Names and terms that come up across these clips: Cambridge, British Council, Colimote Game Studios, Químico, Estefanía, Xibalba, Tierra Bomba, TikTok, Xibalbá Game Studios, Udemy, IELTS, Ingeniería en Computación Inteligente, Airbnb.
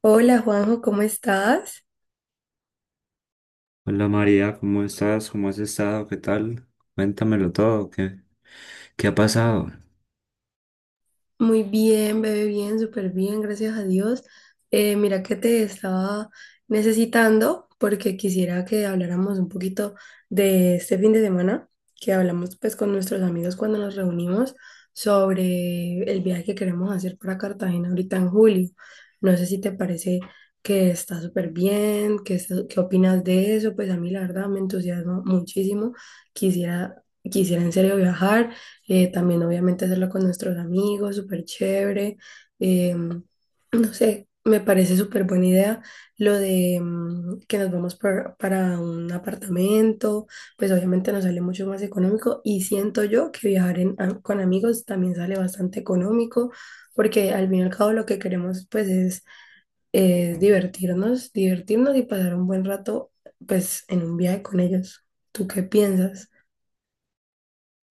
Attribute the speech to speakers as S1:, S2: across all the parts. S1: Hola Juanjo, ¿cómo estás?
S2: Hola María, ¿cómo estás? ¿Cómo has estado? ¿Qué tal? Cuéntamelo todo, ¿qué ha pasado?
S1: Muy bien, bebé, bien, súper bien, gracias a Dios. Mira que te estaba necesitando porque quisiera que habláramos un poquito de este fin de semana, que hablamos pues con nuestros amigos cuando nos reunimos sobre el viaje que queremos hacer para Cartagena ahorita en julio. No sé si te parece que está súper bien, qué opinas de eso, pues a mí la verdad me entusiasma muchísimo. Quisiera, quisiera en serio viajar. También obviamente hacerlo con nuestros amigos, súper chévere. No sé, me parece súper buena idea lo de que nos vamos para un apartamento, pues obviamente nos sale mucho más económico y siento yo que viajar con amigos también sale bastante económico. Porque al fin y al cabo lo que queremos pues es divertirnos, divertirnos y pasar un buen rato pues en un viaje con ellos. ¿Tú qué piensas?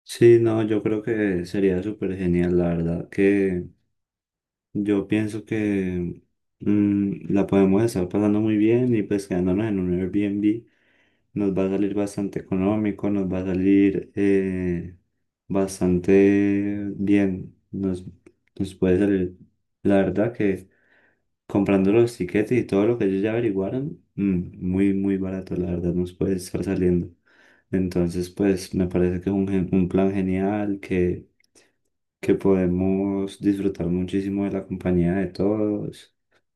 S2: Sí, no, yo creo que sería súper genial, la verdad, que yo pienso que la podemos estar pasando muy bien y pues quedándonos en un Airbnb nos va a salir bastante económico, nos va a salir bastante bien, nos puede salir, la verdad que comprando los tiquetes y todo lo que ellos ya averiguaron, muy barato, la verdad, nos puede estar saliendo. Entonces, pues me parece que es un plan genial, que podemos disfrutar muchísimo de la compañía de todos.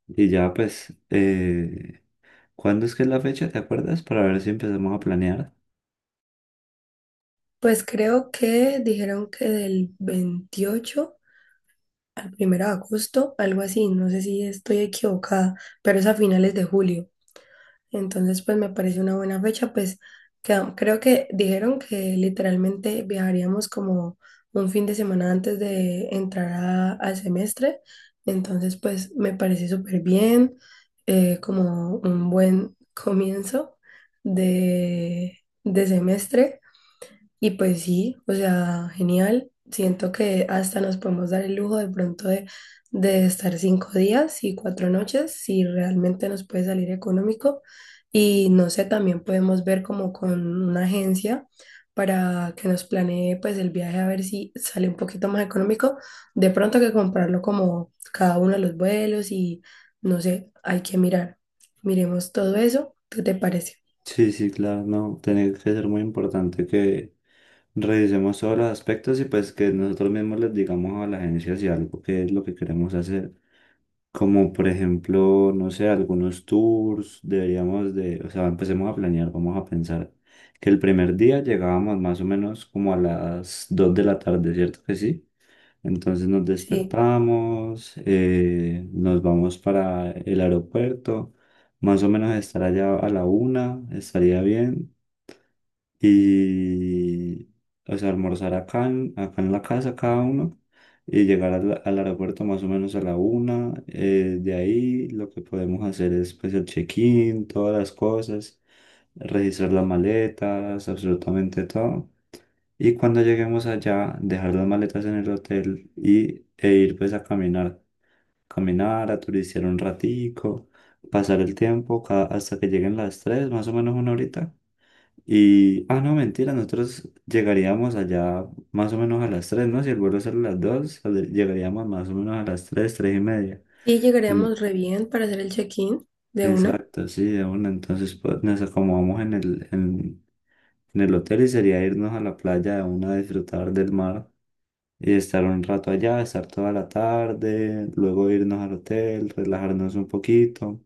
S2: Y ya, pues, ¿cuándo es que es la fecha? ¿Te acuerdas? Para ver si empezamos a planear.
S1: Pues creo que dijeron que del 28 al 1 de agosto, algo así, no sé si estoy equivocada, pero es a finales de julio. Entonces, pues me parece una buena fecha, pues creo que dijeron que literalmente viajaríamos como un fin de semana antes de entrar al semestre. Entonces, pues me parece súper bien, como un buen comienzo de, de semestre. Y pues sí, o sea, genial. Siento que hasta nos podemos dar el lujo de pronto de estar 5 días y 4 noches, si realmente nos puede salir económico. Y no sé, también podemos ver como con una agencia para que nos planee pues el viaje a ver si sale un poquito más económico. De pronto que comprarlo como cada uno de los vuelos y no sé, hay que mirar. Miremos todo eso. ¿Qué te parece?
S2: Sí, sí, claro, no, tiene que ser muy importante que revisemos todos los aspectos y pues que nosotros mismos les digamos a la agencia si algo qué es lo que queremos hacer. Como por ejemplo, no sé, algunos tours, deberíamos de, o sea, empecemos a planear, vamos a pensar que el primer día llegábamos más o menos como a las 2 de la tarde, ¿cierto que sí? Entonces nos
S1: Sí.
S2: despertamos, nos vamos para el aeropuerto, más o menos estar allá a la una, estaría bien y, o sea, almorzar acá en la casa cada uno y llegar al aeropuerto más o menos a la una. De ahí lo que podemos hacer es pues el check-in, todas las cosas, registrar las maletas, absolutamente todo. Y cuando lleguemos allá, dejar las maletas en el hotel y, e ir pues a caminar, caminar, a turistear un ratico, pasar el tiempo ca- hasta que lleguen las tres, más o menos una horita y, ah, no, mentira, nosotros llegaríamos allá más o menos a las tres, ¿no? Si el vuelo sale a las 2 sale- llegaríamos más o menos a las tres, 3 y media.
S1: Sí,
S2: En-
S1: llegaríamos re bien para hacer el check-in de una.
S2: exacto, sí, de una. Entonces, pues nos acomodamos en en el hotel y sería irnos a la playa de una a disfrutar del mar y estar un rato allá, estar toda la tarde, luego irnos al hotel, relajarnos un poquito.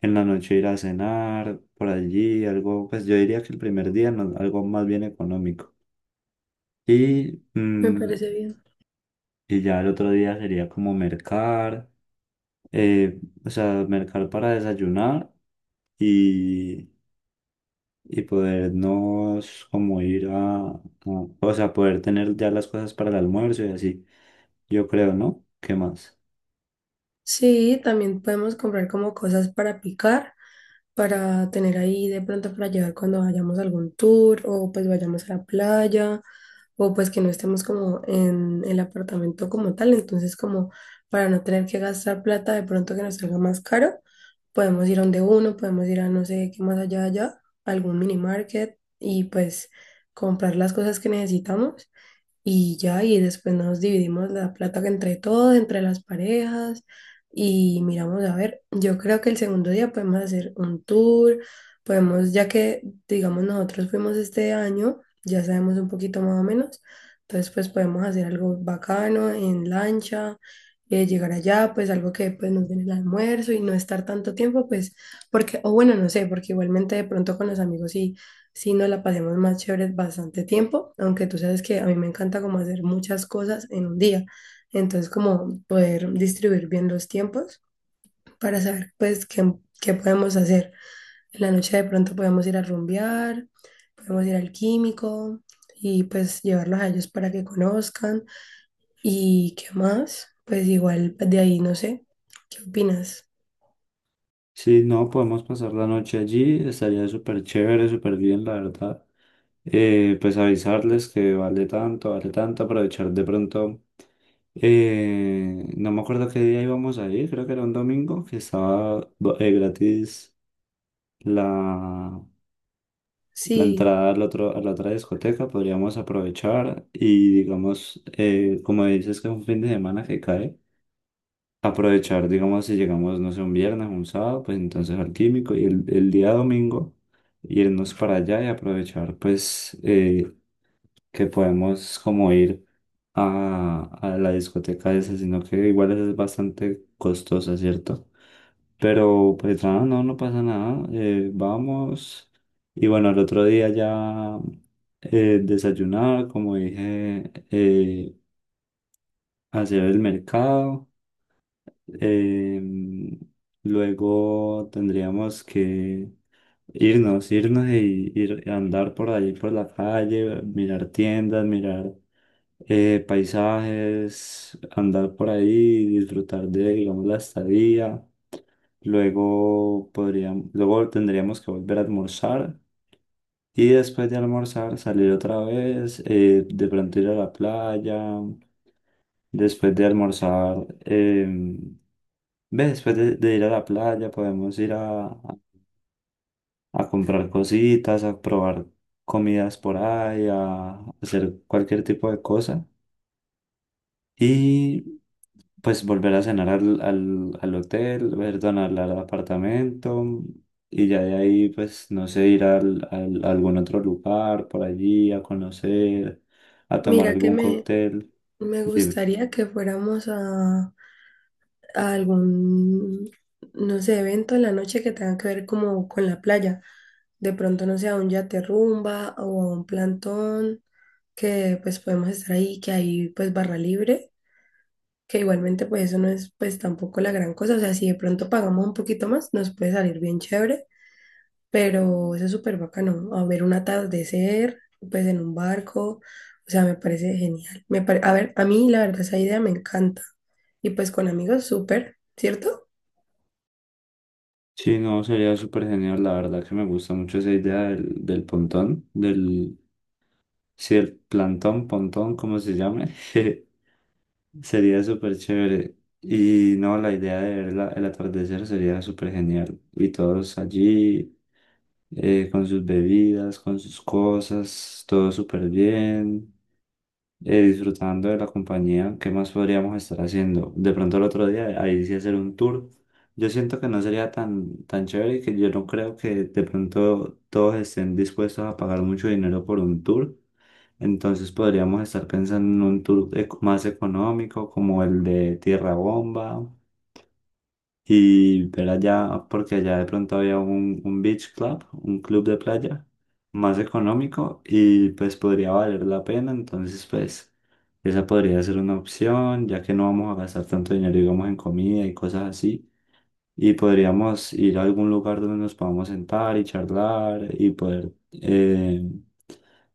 S2: En la noche ir a cenar por allí, algo, pues yo diría que el primer día no- algo más bien económico. Y,
S1: Me parece
S2: mm,
S1: bien.
S2: y ya el otro día sería como mercar, eh, o sea, mercar para desayunar y, y podernos como ir o sea, poder tener ya las cosas para el almuerzo y así. Yo creo, ¿no? ¿Qué más?
S1: Sí, también podemos comprar como cosas para picar, para tener ahí de pronto para llevar cuando vayamos a algún tour o pues vayamos a la playa o pues que no estemos como en el apartamento como tal. Entonces como para no tener que gastar plata de pronto que nos salga más caro, podemos ir a donde uno, podemos ir a no sé qué más allá, algún mini market y pues comprar las cosas que necesitamos. Y ya, y después nos dividimos la plata entre todos, entre las parejas, y miramos a ver, yo creo que el segundo día podemos hacer un tour, podemos, ya que, digamos, nosotros fuimos este año, ya sabemos un poquito más o menos, entonces pues podemos hacer algo bacano en lancha, llegar allá, pues algo que pues nos den el almuerzo y no estar tanto tiempo, pues, porque, o bueno, no sé, porque igualmente de pronto con los amigos sí si nos la pasemos más chévere bastante tiempo, aunque tú sabes que a mí me encanta como hacer muchas cosas en un día, entonces como poder distribuir bien los tiempos para saber pues qué podemos hacer. En la noche de pronto podemos ir a rumbear, podemos ir al químico y pues llevarlos a ellos para que conozcan y qué más, pues igual pues, de ahí no sé, ¿qué opinas?
S2: Sí, no, podemos pasar la noche allí, estaría súper chévere, súper bien, la verdad. Pues avisarles que vale tanto, aprovechar de pronto. No me acuerdo qué día íbamos a ir, creo que era un domingo, que estaba do- gratis la, la
S1: Sí,
S2: entrada al otro, a la otra discoteca, podríamos aprovechar y digamos, como dices que es un fin de semana que cae, aprovechar, digamos, si llegamos, no sé, un viernes, un sábado, pues entonces al Químico y el día domingo irnos para allá y aprovechar, pues, que podemos como ir a la discoteca esa, sino que igual esa es bastante costosa, ¿cierto? Pero pues nada, no, no pasa nada, vamos. Y bueno, el otro día ya desayunar, como dije, hacer el mercado. em, luego tendríamos que irnos y ir a andar por ahí, por la calle, mirar tiendas, mirar paisajes, andar por ahí, disfrutar de, digamos, la estadía. Luego podríamos, luego tendríamos que volver a almorzar y después de almorzar salir otra vez, de pronto ir a la playa. Después de almorzar, ve, después de ir a la playa podemos ir a comprar cositas, a probar comidas por ahí, a hacer cualquier tipo de cosa. Y pues volver a cenar al hotel, perdón, al apartamento y ya de ahí, pues, no sé, ir a algún otro lugar por allí a conocer, a tomar
S1: mira que
S2: algún
S1: me,
S2: cóctel.
S1: me
S2: Dime.
S1: gustaría que fuéramos a algún, no sé, evento en la noche que tenga que ver como con la playa. De pronto, no sé, a un yate rumba o a un plantón, que pues podemos estar ahí, que hay pues barra libre, que igualmente pues eso no es pues tampoco la gran cosa. O sea, si de pronto pagamos un poquito más, nos puede salir bien chévere, pero eso es súper bacano. A ver un atardecer, pues en un barco. O sea, me parece genial. A ver, a mí la verdad esa idea me encanta. Y pues con amigos, súper, ¿cierto?
S2: Sí, no, sería súper genial, la verdad que me gusta mucho esa idea del pontón, del, sí, el plantón, pontón, como se llame, sería súper chévere. Y no, la idea de ver la- el atardecer sería súper genial. Y todos allí. Eh, con sus bebidas, con sus cosas, todo súper bien, disfrutando de la compañía. ¿Qué más podríamos estar haciendo? De pronto el otro día, ahí sí hacer un tour. Yo siento que no sería tan chévere y que yo no creo que de pronto todos estén dispuestos a pagar mucho dinero por un tour. Entonces podríamos estar pensando en un tour eco- más económico como el de Tierra Bomba y ver allá, porque allá de pronto había un beach club, un club de playa más económico y pues podría valer la pena. Entonces, pues esa podría ser una opción, ya que no vamos a gastar tanto dinero, digamos, en comida y cosas así. Y podríamos ir a algún lugar donde nos podamos sentar y charlar y poder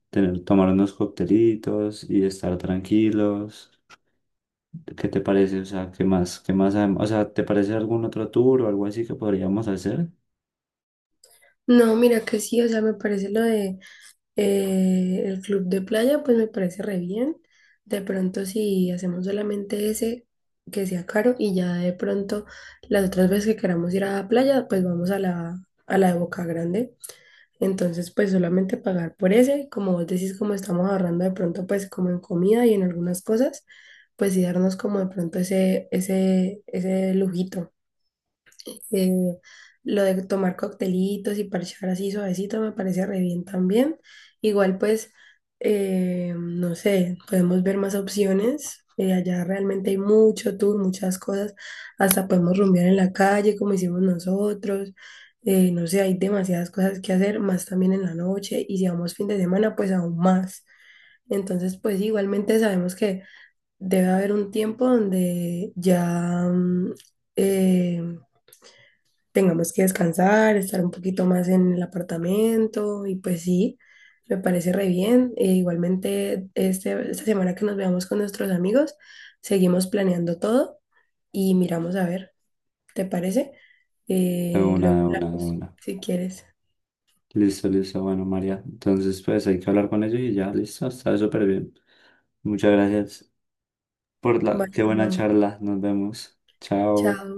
S2: tener, tomar unos coctelitos y estar tranquilos. ¿Qué te parece? O sea, ¿qué más? ¿Qué más? Adem- O sea, ¿te parece algún otro tour o algo así que podríamos hacer?
S1: No, mira que sí, o sea, me parece lo de el club de playa, pues me parece re bien. De pronto si hacemos solamente ese, que sea caro, y ya de pronto las otras veces que queramos ir a la playa, pues vamos a la de Boca Grande. Entonces, pues solamente pagar por ese, como vos decís, como estamos ahorrando de pronto, pues como en comida y en algunas cosas, pues sí darnos como de pronto ese lujito. Eh, lo de tomar coctelitos y parchar así suavecito me parece re bien también. Igual pues, no sé, podemos ver más opciones. Allá realmente hay mucho tour, muchas cosas. Hasta podemos rumbear en la calle como hicimos nosotros. No sé, hay demasiadas cosas que hacer, más también en la noche. Y si vamos fin de semana, pues aún más. Entonces, pues igualmente sabemos que debe haber un tiempo donde ya eh, tengamos que descansar, estar un poquito más en el apartamento y pues sí, me parece re bien. E igualmente, esta semana que nos veamos con nuestros amigos, seguimos planeando todo y miramos a ver, ¿te parece?
S2: De una,
S1: Luego
S2: de una, de
S1: hablamos,
S2: una.
S1: si quieres.
S2: Listo, listo. Bueno, María. Entonces, pues hay que hablar con ellos y ya, listo. Está súper bien. Muchas gracias por la… Qué
S1: Vaya,
S2: buena
S1: Juan.
S2: charla. Nos vemos. Chao.
S1: Chao.